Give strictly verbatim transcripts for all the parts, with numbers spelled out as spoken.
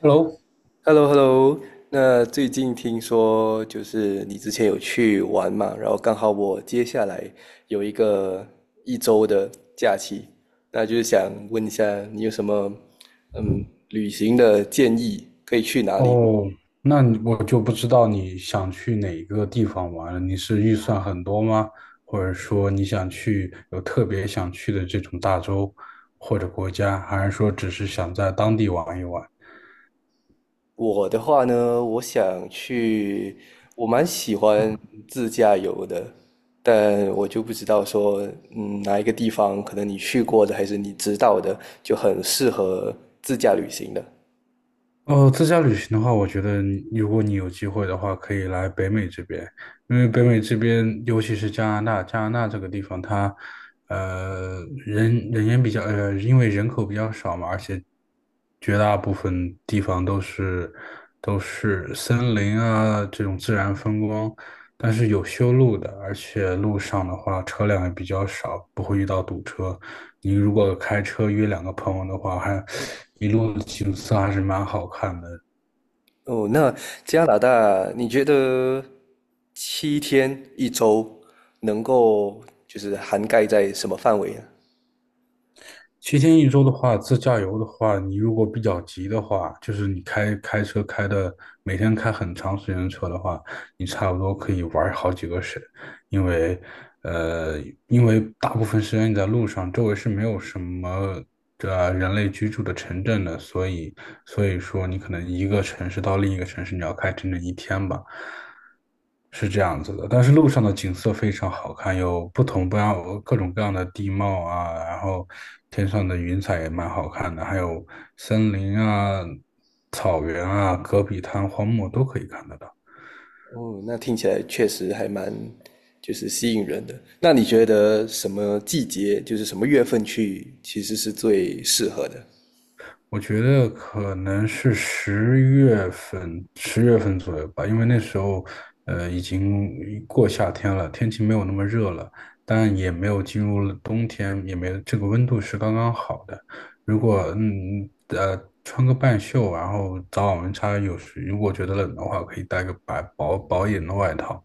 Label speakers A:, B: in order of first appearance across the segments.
A: Hello，
B: h e l l o h e l l o 那最近听说就是你之前有去玩嘛，然后刚好我接下来有一个一周的假期，那就是想问一下你有什么嗯旅行的建议，可以去哪里？
A: 哦，那你我就不知道你想去哪一个地方玩了。你是预算很多吗？或者说你想去有特别想去的这种大洲或者国家，还是说只是想在当地玩一玩？
B: 我的话呢，我想去，我蛮喜欢自驾游的，但我就不知道说，嗯，哪一个地方可能你去过的还是你知道的，就很适合自驾旅行的。
A: 哦，自驾旅行的话，我觉得你如果你有机会的话，可以来北美这边，因为北美这边，尤其是加拿大，加拿大这个地方它，呃，人人烟比较，呃，因为人口比较少嘛，而且绝大部分地方都是都是森林啊这种自然风光，但是有修路的，而且路上的话车辆也比较少，不会遇到堵车。你如果开车约两个朋友的话，还一路的景色还是蛮好看的。
B: 哦，那加拿大，你觉得七天一周能够就是涵盖在什么范围呢？
A: 七天一周的话，自驾游的话，你如果比较急的话，就是你开开车开的每天开很长时间的车的话，你差不多可以玩好几个省，因为呃，因为大部分时间你在路上，周围是没有什么这人类居住的城镇的，所以所以说你可能一个城市到另一个城市，你要开整整一天吧，是这样子的。但是路上的景色非常好看，有不同不样各种各样的地貌啊，然后天上的云彩也蛮好看的，还有森林啊、草原啊、戈壁滩、荒漠都可以看得到。
B: 哦，那听起来确实还蛮就是吸引人的。那你觉得什么季节，就是什么月份去，其实是最适合的？
A: 我觉得可能是十月份，十月份左右吧，因为那时候，呃，已经过夏天了，天气没有那么热了，但也没有进入了冬天，也没有这个温度是刚刚好的。如果嗯呃穿个半袖，然后早晚温差有时如果觉得冷的话，可以带个白薄薄一点的外套。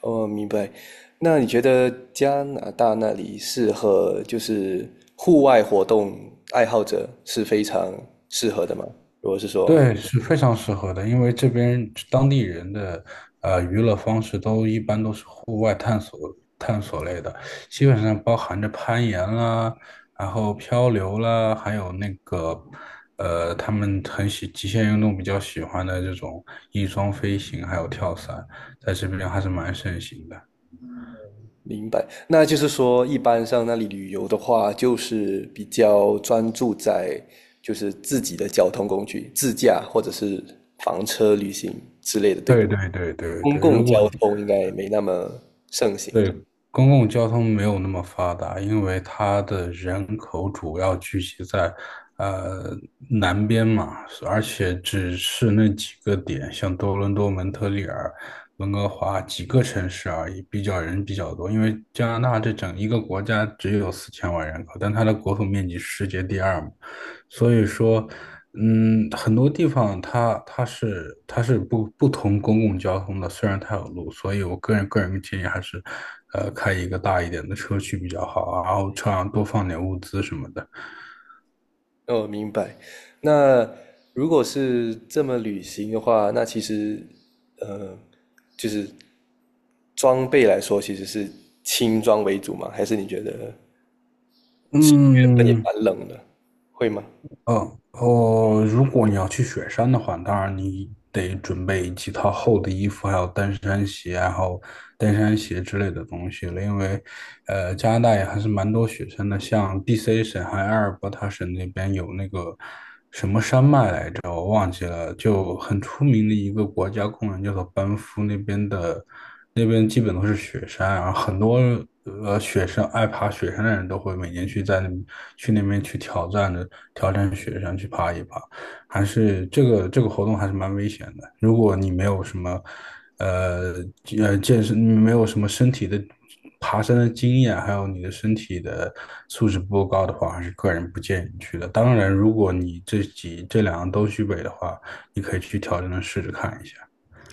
B: 哦，明白。那你觉得加拿大那里适合就是户外活动爱好者是非常适合的吗？如果是说。
A: 对，是非常适合的，因为这边当地人的呃娱乐方式都一般都是户外探索探索类的，基本上包含着攀岩啦，然后漂流啦，还有那个呃他们很喜极限运动比较喜欢的这种翼装飞行，还有跳伞，在这边还是蛮盛行的。
B: 明白，那就是说，一般上那里旅游的话，就是比较专注在就是自己的交通工具，自驾或者是房车旅行之类的，对吧？
A: 对，对，对，对，
B: 公
A: 对，
B: 共
A: 如果
B: 交通应该没那么盛行。
A: 对，公共交通没有那么发达，因为它的人口主要聚集在呃南边嘛，而且只是那几个点，像多伦多、蒙特利尔、温哥华几个城市而已，比较人比较多。因为加拿大这整一个国家只有四千万人口，但它的国土面积是世界第二嘛，所以说。嗯，很多地方它它是它是不不同公共交通的，虽然它有路，所以我个人个人建议还是，呃，开一个大一点的车去比较好啊，然后车上多放点物资什么的。
B: 哦，明白。那如果是这么旅行的话，那其实，呃，就是装备来说，其实是轻装为主嘛？还是你觉得原本也
A: 嗯。
B: 蛮冷的，会吗？
A: 哦哦，如果你要去雪山的话，当然你得准备几套厚的衣服，还有登山鞋，然后登山鞋之类的东西了，因为呃，加拿大也还是蛮多雪山的，像 D C 省还有阿尔伯塔省那边有那个。叫我忘记了，就很出名的一个国家公园，叫做班夫那边的，那边基本都是雪山，然后很多呃雪山爱爬雪山的人都会每年去在那去那边去挑战的挑战雪山去爬一爬。还是这个这个活动还是蛮危险的。如果你没有什么，呃呃健身，没有什么身体的爬山的经验，还有你的身体的素质不够高的话，还是个人不建议你去的。当然，如果你这几这两样都具备的话，你可以去挑战的试着看一下。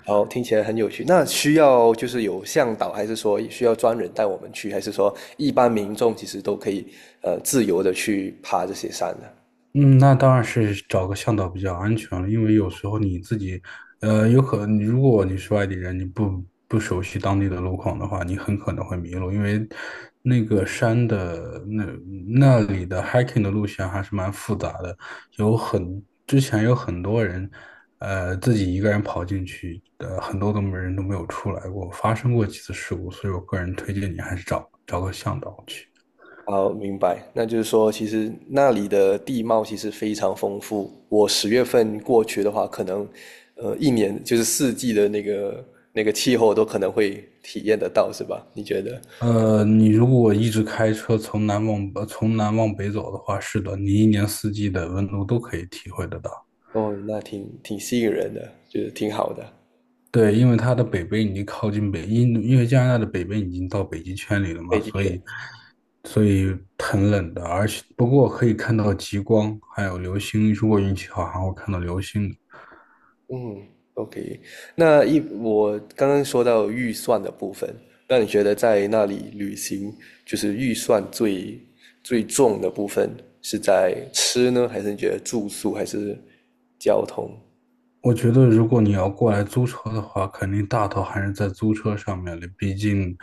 B: 哦，听起来很有趣。那需要就是有向导，还是说需要专人带我们去，还是说一般民众其实都可以呃自由的去爬这些山呢？
A: 嗯，那当然是找个向导比较安全了，因为有时候你自己，呃，有可能如果你是外地人，你不不熟悉当地的路况的话，你很可能会迷路，因为那个山的那那里的 hiking 的路线还是蛮复杂的，有很之前有很多人，呃，自己一个人跑进去，呃，很多都没人都没有出来过，发生过几次事故，所以我个人推荐你还是找找个向导去。
B: 哦，明白。那就是说，其实那里的地貌其实非常丰富。我十月份过去的话，可能呃一年就是四季的那个那个气候都可能会体验得到，是吧？你觉得？
A: 呃，你如果一直开车从南往呃从南往北走的话，是的，你一年四季的温度都可以体会得到。
B: 哦，那挺挺吸引人的，就是挺好的，
A: 对，因为它的北边已经靠近北，因因为加拿大的北边已经到北极圈里了嘛，
B: 北极
A: 所
B: 圈。
A: 以所以很冷的，而且不过可以看到极光，还有流星，如果运气好还会看到流星的。
B: 嗯，OK。那一我刚刚说到预算的部分，那你觉得在那里旅行，就是预算最最重的部分是在吃呢，还是你觉得住宿，还是交通？
A: 我觉得，如果你要过来租车的话，肯定大头还是在租车上面的，毕竟，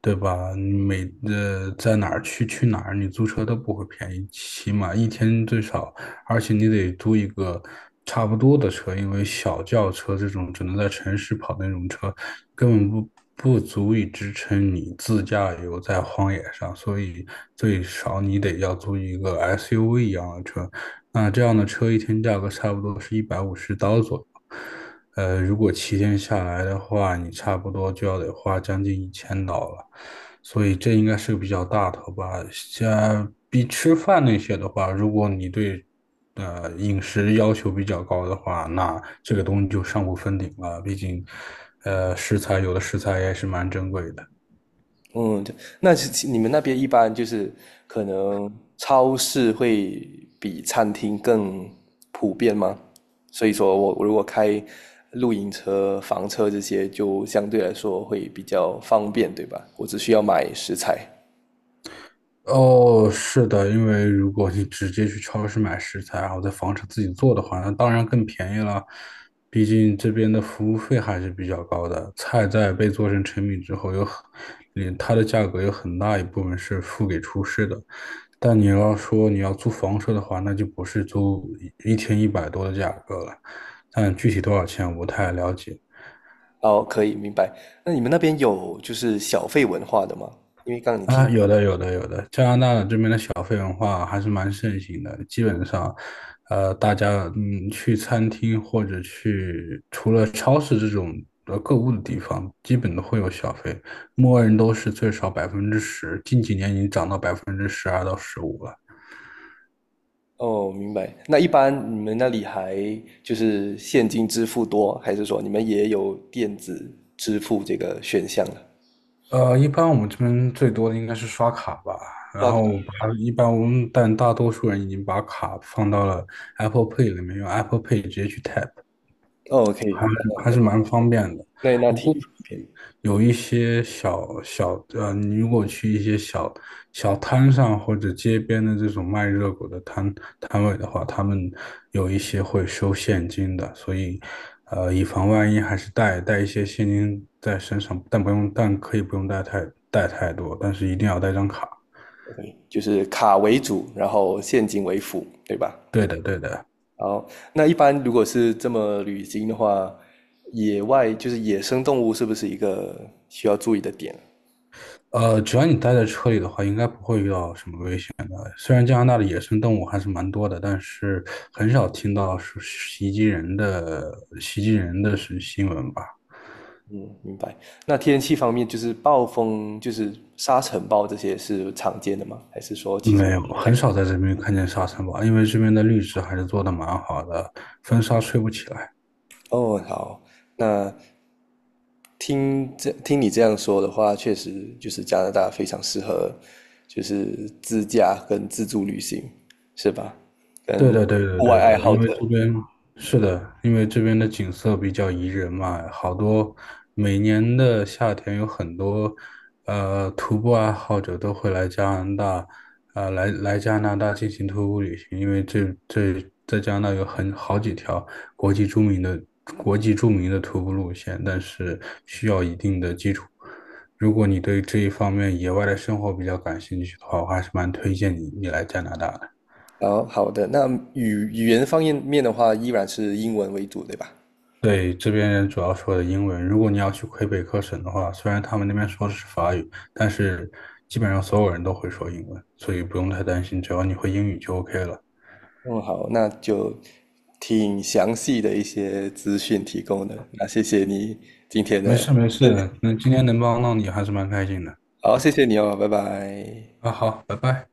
A: 对吧？你每呃在哪儿去去哪儿，你租车都不会便宜，起码一天最少，而且你得租一个差不多的车，因为小轿车这种只能在城市跑的那种车，根本不不足以支撑你自驾游在荒野上，所以最少你得要租一个 S U V 一样的车，那这样的车一天价格差不多是一百五十刀左右。呃，如果七天下来的话，你差不多就要得花将近一千刀了，所以这应该是个比较大头吧。像比吃饭那些的话，如果你对呃饮食要求比较高的话，那这个东西就上不封顶了。毕竟，呃，食材有的食材也是蛮珍贵的。
B: 嗯，对。那是你们那边一般就是可能超市会比餐厅更普遍吗？所以说我我如果开露营车、房车这些，就相对来说会比较方便，对吧？我只需要买食材。
A: 哦，是的，因为如果你直接去超市买食材，然后在房车自己做的话，那当然更便宜了。毕竟这边的服务费还是比较高的，菜在被做成成品之后，有很，嗯它的价格有很大一部分是付给厨师的。但你要说你要租房车的话，那就不是租一一天一百多的价格了。但具体多少钱我不太了解。
B: 哦，可以，明白。那你们那边有就是小费文化的吗？因为刚刚你提，
A: 啊，有的，有的，有的。加拿大这边的小费文化还是蛮盛行的，基本上，呃，大家嗯去餐厅或者去除了超市这种呃购物的地方，基本都会有小费，默认都是最少百分之十，近几年已经涨到百分之十二到十五了。
B: 哦，明白。那一般你们那里还就是现金支付多，还是说你们也有电子支付这个选项呢？
A: 呃，一般我们这边最多的应该是刷卡吧，然
B: 刷卡。
A: 后把一般我们但大多数人已经把卡放到了 Apple Pay 里面，用 Apple Pay 直接去 tap。
B: 哦，可以。
A: 还还是蛮方便的。
B: 那那
A: 不
B: 挺
A: 过
B: 普遍
A: 有一些小小呃，你如果去一些小小摊上或者街边的这种卖热狗的摊摊位的话，他们有一些会收现金的，所以呃，以防万一，还是带带一些现金在身上，但不用，但可以不用带太带太多，但是一定要带张卡。
B: 就是卡为主，然后现金为辅，对吧？
A: 对的，对的。
B: 好，那一般如果是这么旅行的话，野外就是野生动物是不是一个需要注意的点？
A: 呃，只要你待在车里的话，应该不会遇到什么危险的。虽然加拿大的野生动物还是蛮多的，但是很少听到是袭击人的袭击人的是新闻吧？
B: 嗯，明白。那天气方面，就是暴风，就是沙尘暴这些是常见的吗？还是说其实
A: 没有，
B: 不太？
A: 很少在这边看见沙尘暴，因为这边的绿植还是做的蛮好的，风沙吹不起来。
B: 哦，好，那听这听你这样说的话，确实就是加拿大非常适合，就是自驾跟自助旅行，是吧？
A: 对
B: 跟
A: 的，对的，
B: 户外
A: 对
B: 爱
A: 的，
B: 好
A: 因为
B: 者。
A: 这边是的，因为这边的景色比较宜人嘛，好多每年的夏天有很多呃徒步爱好者都会来加拿大，呃来来加拿大进行徒步旅行，因为这这在加拿大有很好几条国际著名的国际著名的徒步路线，但是需要一定的基础。如果你对这一方面野外的生活比较感兴趣的话，我还是蛮推荐你你来加拿大的。
B: 好，好的，那语语言方面面的话，依然是英文为主，对吧？
A: 对，这边人主要说的英文。如果你要去魁北克省的话，虽然他们那边说的是法语，但是基本上所有人都会说英文，所以不用太担心，只要你会英语就 OK 了。
B: 嗯，好，那就挺详细的一些资讯提供的，那谢谢你今天
A: 没
B: 的，
A: 事，没事，那今天能帮到你还是蛮开心的。
B: 好，谢谢你哦，拜拜。
A: 啊，好，拜拜。